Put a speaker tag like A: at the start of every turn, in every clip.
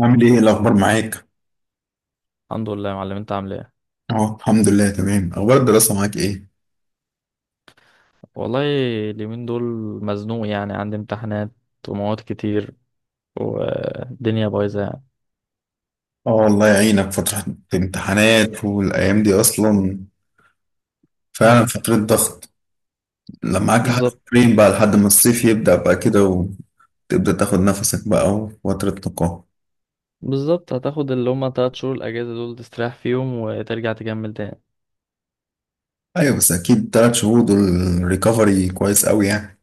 A: عامل ايه؟ إيه الاخبار معاك؟
B: الحمد لله يا معلم، انت عامل ايه؟
A: اه، الحمد لله، تمام. اخبار الدراسه معاك ايه؟
B: والله اليومين دول مزنوق يعني، عندي امتحانات ومواد كتير والدنيا بايظه يعني.
A: اه، الله يعينك. فتره امتحانات والايام دي اصلا فعلا
B: مم.
A: فتره ضغط. لما معاك
B: بالظبط.
A: حاجتين بقى لحد ما الصيف يبدا بقى كده، وتبدا تاخد نفسك بقى، وفتره نقاهه.
B: بالظبط، هتاخد اللي هما 3 شهور الاجازه دول، تستريح فيهم وترجع تكمل تاني.
A: ايوه، بس اكيد 3 شهور دول ريكفري كويس قوي يعني.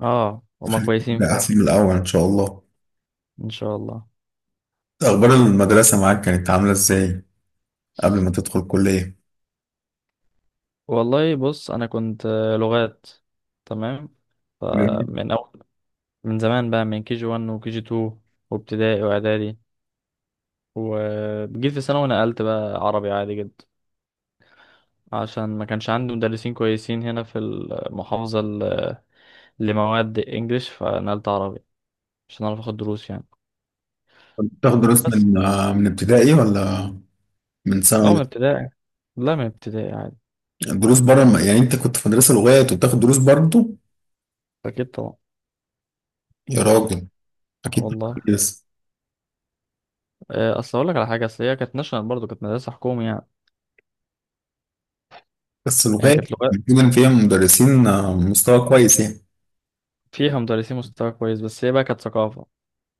B: اه هما كويسين
A: ده
B: فعلا.
A: احسن من الاول ان شاء الله.
B: ان شاء الله.
A: اخبار المدرسه معاك كانت عامله ازاي قبل ما تدخل كليه؟
B: والله بص، انا كنت لغات. تمام. فمن اول من زمان بقى، من كي جي 1 وكي جي 2 وابتدائي واعدادي، وجيت في ثانوي نقلت بقى عربي عادي جدا، عشان ما كانش عندي مدرسين كويسين هنا في المحافظة لمواد انجليش، فنقلت عربي عشان اعرف اخد دروس يعني.
A: كنت بتاخد دروس
B: بس
A: من ابتدائي ولا من
B: اه
A: ثانوي؟
B: من ابتدائي، لا من ابتدائي عادي.
A: الدروس بره يعني انت كنت في مدرسه لغات وبتاخد دروس برضه؟
B: اكيد طبعا.
A: يا راجل،
B: آه
A: اكيد
B: والله.
A: طبعاً. بس
B: اصل اقول لك على حاجه، اصل هي كانت ناشونال برضه، كانت مدرسه حكومي يعني.
A: بس
B: يعني
A: لغات.
B: كانت لغات.
A: بيكون فيها مدرسين، مستوى كويس يعني.
B: فيها مدرسين مستوى كويس، بس هي بقى كانت ثقافه.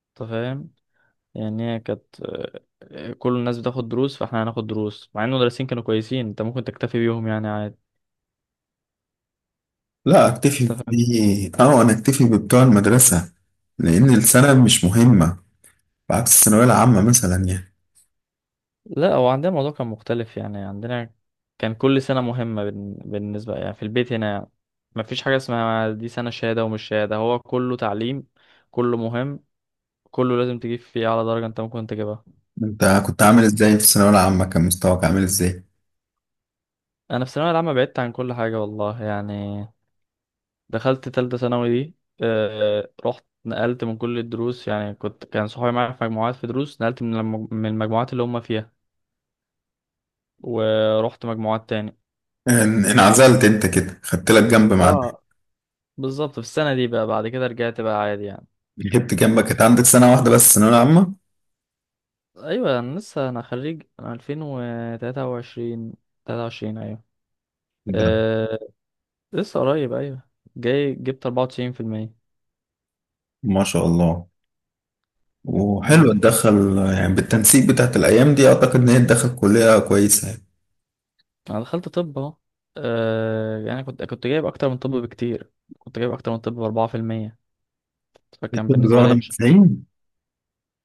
B: انت فاهم؟ يعني هي كانت كل الناس بتاخد دروس، فاحنا هناخد دروس مع ان المدرسين كانوا كويسين، انت ممكن تكتفي بيهم يعني عادي.
A: لا، اكتفي
B: انت.
A: بدي، انا اكتفي ببتوع المدرسه، لان السنه مش مهمه بعكس الثانويه العامه مثلا يعني.
B: لا، هو عندنا الموضوع كان مختلف يعني. عندنا كان كل سنة مهمة بالنسبة يعني في البيت هنا، ما فيش حاجة اسمها دي سنة شهادة ومش شهادة، هو كله تعليم، كله مهم، كله لازم تجيب فيه أعلى درجة أنت ممكن تجيبها.
A: انت كنت عامل
B: ف-
A: ازاي في الثانويه العامه؟ كان مستواك عامل ازاي؟
B: أنا في الثانوية العامة بعدت عن كل حاجة والله يعني. دخلت تالتة ثانوي دي، رحت نقلت من كل الدروس يعني. كنت كان صحابي معايا في مجموعات في دروس، نقلت من المجموعات اللي هم فيها ورحت مجموعات تاني.
A: انعزلت انت كده خدت لك جنب؟ مع
B: اه، بالظبط. في السنة دي بقى، بعد كده رجعت بقى عادي يعني.
A: جبت جنبك كانت عندك سنه واحده بس الثانويه العامه.
B: ايوه انا لسه، انا خريج، انا 2023. 23 ايوه.
A: ده
B: أه لسه قريب. ايوه جاي جبت 94%.
A: ما شاء الله.
B: امم،
A: وحلو تدخل يعني بالتنسيق بتاعت الأيام دي، أعتقد إن هي تدخل كلية كويسة يعني.
B: انا دخلت طب اهو. أه يعني كنت جايب اكتر من طب بكتير. كنت جايب اكتر من طب ب 4%. فكان
A: الطب ده
B: بالنسبه
A: واخدة
B: لي
A: من
B: مش...
A: العين؟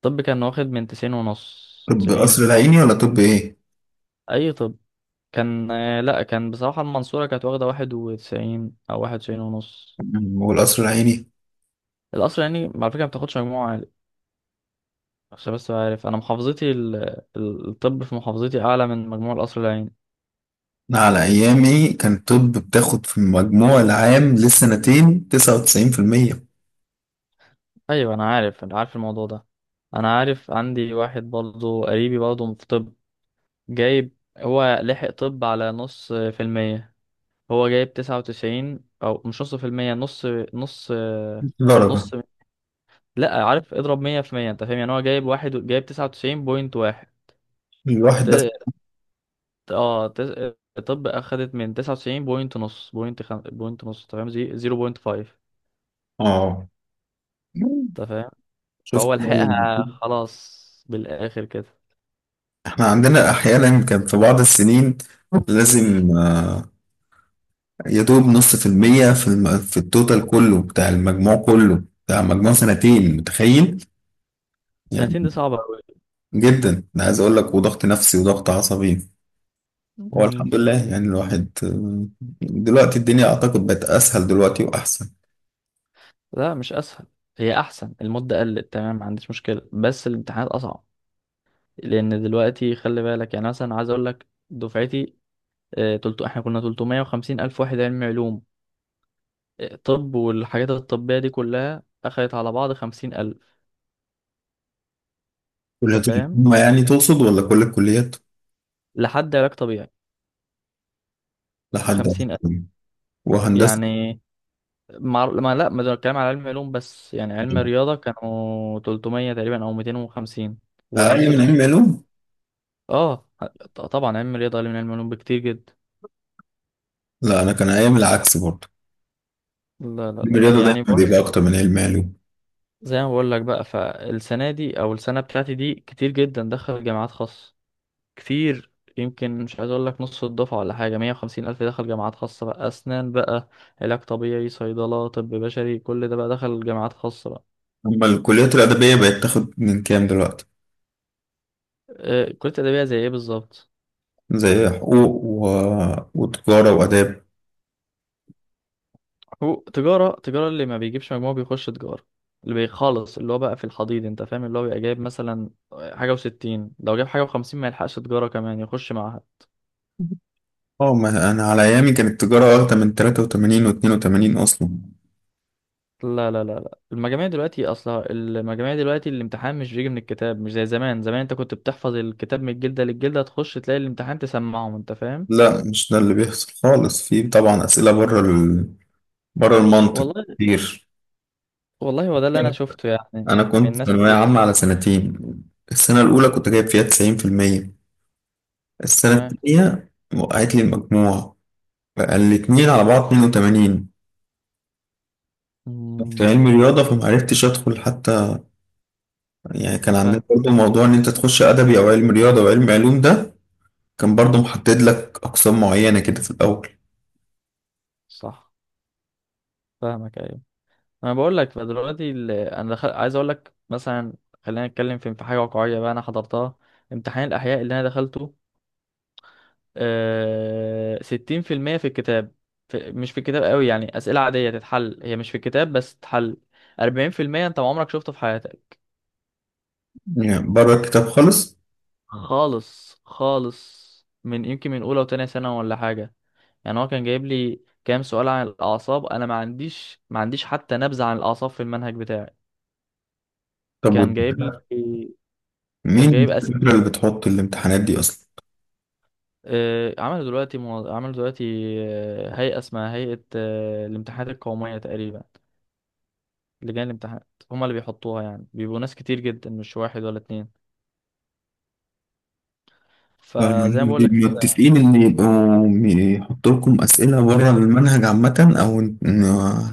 B: طب كان واخد من 90 ونص،
A: طب
B: 90
A: القصر
B: ونص.
A: العيني ولا طب إيه؟
B: اي طب؟ كان لا، كان بصراحه المنصوره كانت واخده 91 او 91 ونص.
A: هو القصر العيني.
B: الاصل يعني على فكره ما بتاخدش مجموعه عشان بس، عارف انا محافظتي الطب في محافظتي اعلى من مجموع القصر العيني.
A: أنا على أيامي كان طب بتاخد في المجموع العام للسنتين 99%
B: ايوه انا عارف، انا عارف الموضوع ده. انا عارف عندي واحد برضه قريبي برضه في طب، جايب هو لحق طب على نص في المية. هو جايب تسعة وتسعين، او مش نص في المية، نص. نص.
A: درجة.
B: نص. لا، عارف اضرب 100%؟ انت فاهم يعني؟ هو جايب، واحد جايب تسعة وتسعين بوينت واحد.
A: الواحد ده،
B: ت- اه تس... طب اخدت من تسعة وتسعين بوينت نص، بوينت نص تمام، زيرو بوينت فايف.
A: آه شفت.
B: فهو لحقها خلاص بالآخر كده.
A: إحنا عندنا أحيانا كان في بعض السنين لازم، يا دوب نص في المية في في التوتال كله بتاع المجموع، كله بتاع مجموع سنتين، متخيل يعني؟
B: سنتين دي صعبة أوي.
A: جدا، انا عايز اقول لك، وضغط نفسي وضغط عصبي. هو
B: مم.
A: الحمد لله، يعني الواحد دلوقتي الدنيا اعتقد بقت اسهل دلوقتي واحسن.
B: لا مش اسهل، هي احسن. المدة قلت تمام، ما عنديش مشكلة، بس الامتحانات اصعب. لان دلوقتي خلي بالك، يعني مثلا عايز اقول لك دفعتي، تلتو احنا كنا 350 الف واحد علمي علوم. طب والحاجات الطبية دي كلها اخدت على بعض 50 الف. انت
A: كليات
B: فاهم؟
A: الحكومة يعني تقصد ولا كل الكليات؟
B: لحد علاج طبيعي
A: لحد
B: 50 الف
A: آخر. وهندسة
B: يعني. ما لا ما ده الكلام على علم علوم بس يعني. علم رياضة كانوا 300 تقريبا او 250، وهندسة
A: اقل من
B: تاخد.
A: علم علوم.
B: اه، طبعا علم رياضة اقل من علم علوم بكتير جدا.
A: لا، انا كان ايام العكس برضه.
B: لا لا
A: علم
B: لا،
A: الرياضة
B: يعني
A: دايما بيبقى اكتر من علم علوم.
B: زي ما بقول لك بقى، فالسنة دي او السنة بتاعتي دي كتير جدا دخل جامعات خاصة. كتير. يمكن مش عايز اقول لك نص الدفعة ولا حاجة، 150 الف دخل جامعات خاصة بقى، اسنان بقى، علاج طبيعي، صيدلة، طب بشري، كل ده بقى دخل جامعات خاصة بقى.
A: اما الكليات الادبية بقت تاخد من كام دلوقتي؟
B: كلية ادبية زي ايه بالظبط؟
A: زي حقوق وتجارة وآداب.
B: هو تجارة، تجارة اللي ما بيجيبش مجموع بيخش تجارة، اللي بيخلص اللي هو بقى في الحضيض. انت فاهم؟ اللي هو بيبقى جايب مثلا حاجة وستين، لو جايب حاجة وخمسين ما يلحقش تجارة كمان يخش معاها.
A: اه، ما أنا على أيامي كانت التجارة واخدة من 83 و82 أصلا.
B: لا لا لا لا، المجاميع دلوقتي اصلا، المجاميع دلوقتي الامتحان مش بيجي من الكتاب، مش زي زمان. زمان انت كنت بتحفظ الكتاب من الجلدة للجلدة، تخش تلاقي الامتحان تسمعهم. انت فاهم؟
A: لا، مش ده اللي بيحصل خالص. في طبعا أسئلة بره بره المنطق
B: والله.
A: كتير.
B: والله هو ده اللي انا شفته يعني
A: أنا
B: من
A: كنت
B: ناس
A: ثانوية
B: كتير.
A: عامة على سنتين. السنة الأولى كنت جايب فيها 90%، السنة
B: تمام.
A: التانية وقعت لي المجموع، بقى الاتنين على بعض 82. كنت
B: مم،
A: علمي رياضة فمعرفتش أدخل حتى. يعني كان عندنا
B: فاهمك.
A: برضه موضوع إن أنت تخش أدبي أو علم رياضة وعلم علوم، ده كان برضو محدد لك أقسام معينة كده في الأول.
B: صح، فاهمك. انا بقول لك، فدلوقتي انا عايز اقول لك مثلا، خلينا نتكلم في حاجه واقعيه بقى، انا حضرتها. امتحان الاحياء اللي انا دخلته، 60% في الكتاب. مش في الكتاب قوي يعني، اسئله عاديه تتحل، هي مش في الكتاب بس تتحل. 40% انت ما عمرك شفته في حياتك.
A: يعني بره الكتاب خالص؟
B: خالص خالص. من يمكن من اولى وتانية سنه ولا حاجه. يعني هو كان جايب لي كام سؤال عن الاعصاب، انا ما عنديش، ما عنديش حتى نبذه عن الاعصاب في المنهج بتاعي.
A: طب
B: كان
A: وده؟
B: جايب لي. كان
A: مين
B: جايب،
A: الفكرة اللي بتحط الامتحانات دي أصلا؟
B: عملوا دلوقتي عملوا دلوقتي هيئة اسمها هيئة الامتحانات القومية تقريبا. لجان الامتحانات هما اللي بيحطوها يعني، بيبقوا ناس كتير جدا، مش واحد ولا اتنين. فزي ما
A: فهم
B: بقول لك،
A: متفقين إن يبقوا يحطوا لكم أسئلة بره المنهج عامة، أو إن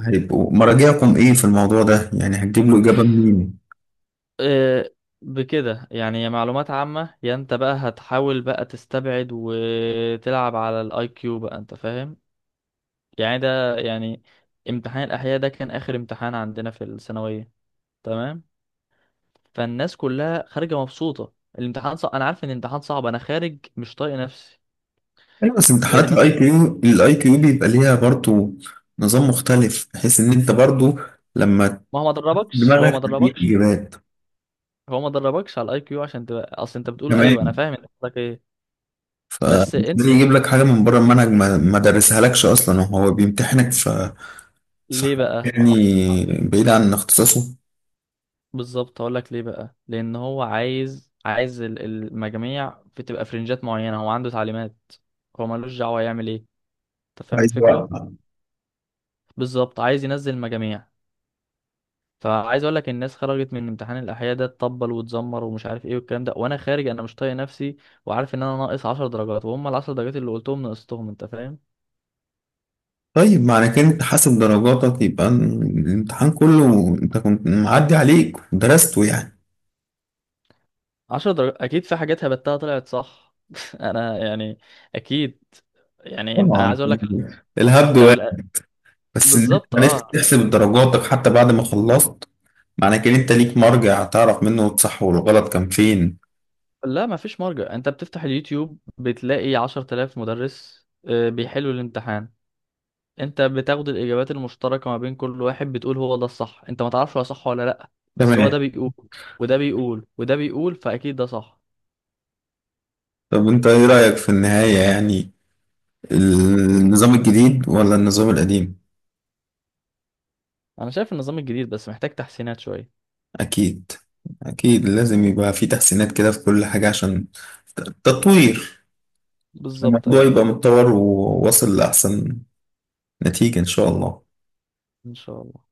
A: هيبقوا مراجعكم إيه في الموضوع ده؟ يعني هتجيب له إجابة منين؟
B: آه، بكده يعني، يا معلومات عامة، يا انت بقى هتحاول بقى تستبعد وتلعب على الاي كيو بقى. انت فاهم؟ يعني ده يعني امتحان الاحياء ده كان اخر امتحان عندنا في الثانوية. تمام. فالناس كلها خارجة مبسوطة، الامتحان صعب. انا عارف ان الامتحان صعب. انا خارج مش طايق نفسي.
A: أيوة، بس امتحانات
B: الناس كل.
A: IQ، IQ بيبقى ليها برضو نظام مختلف بحيث إن أنت برضو لما
B: ما هو
A: دماغك تديك إجابات.
B: ما دربكش على الاي كيو عشان تبقى، اصل انت بتقول ايوه انا
A: تمام.
B: فاهم، انت قصدك ايه. بس انت
A: ليه يجيب لك حاجة من بره المنهج ما درسهالكش أصلا، وهو بيمتحنك في
B: ليه
A: حاجة
B: بقى؟
A: يعني
B: ع-
A: بعيد عن اختصاصه؟
B: بالظبط، هقول لك ليه بقى. لان هو عايز، عايز المجاميع بتبقى فرنجات معينه، هو عنده تعليمات، هو ملوش دعوه يعمل ايه. انت فاهم
A: عايز
B: الفكره؟
A: وقت.
B: بالظبط، عايز ينزل مجاميع. فعايز اقول لك الناس خرجت من امتحان الاحياء ده تطبل وتزمر ومش عارف ايه والكلام ده، وانا خارج انا مش طايق نفسي، وعارف ان انا ناقص 10 درجات، وهم ال 10 درجات اللي قلتهم نقصتهم. انت فاهم؟
A: طيب، معنى كده أنت حاسب درجاتك؟ يبقى الامتحان كله أنت كنت معدي عليك ودرسته يعني.
B: عشر درجات اكيد، في حاجات هبتها طلعت صح. انا يعني، اكيد يعني. انت
A: طبعا،
B: عايز اقول لك
A: الهبد
B: لو
A: واحد. بس إن أنت
B: بالظبط
A: عرفت
B: اه.
A: تحسب درجاتك حتى بعد ما خلصت، معنى كده أنت ليك مرجع تعرف منه الصح والغلط كان فين.
B: لا ما فيش مرجع، انت بتفتح اليوتيوب بتلاقي 10,000 مدرس، بيحلوا الامتحان. انت بتاخد الاجابات المشتركه ما بين كل واحد، بتقول هو ده الصح، انت ما تعرفش هو صح ولا لا. بس هو
A: تمام.
B: ده بيقول، وده بيقول، وده بيقول، فاكيد ده صح.
A: طب أنت إيه رأيك في النهاية يعني؟ النظام الجديد ولا النظام القديم؟
B: انا شايف النظام الجديد بس محتاج تحسينات شويه.
A: أكيد. أكيد لازم يبقى في تحسينات كده في كل حاجة عشان تطوير. عشان
B: بالظبط
A: الموضوع
B: ايوه.
A: يبقى متطور وواصل لأحسن نتيجة إن شاء الله.
B: ان شاء الله.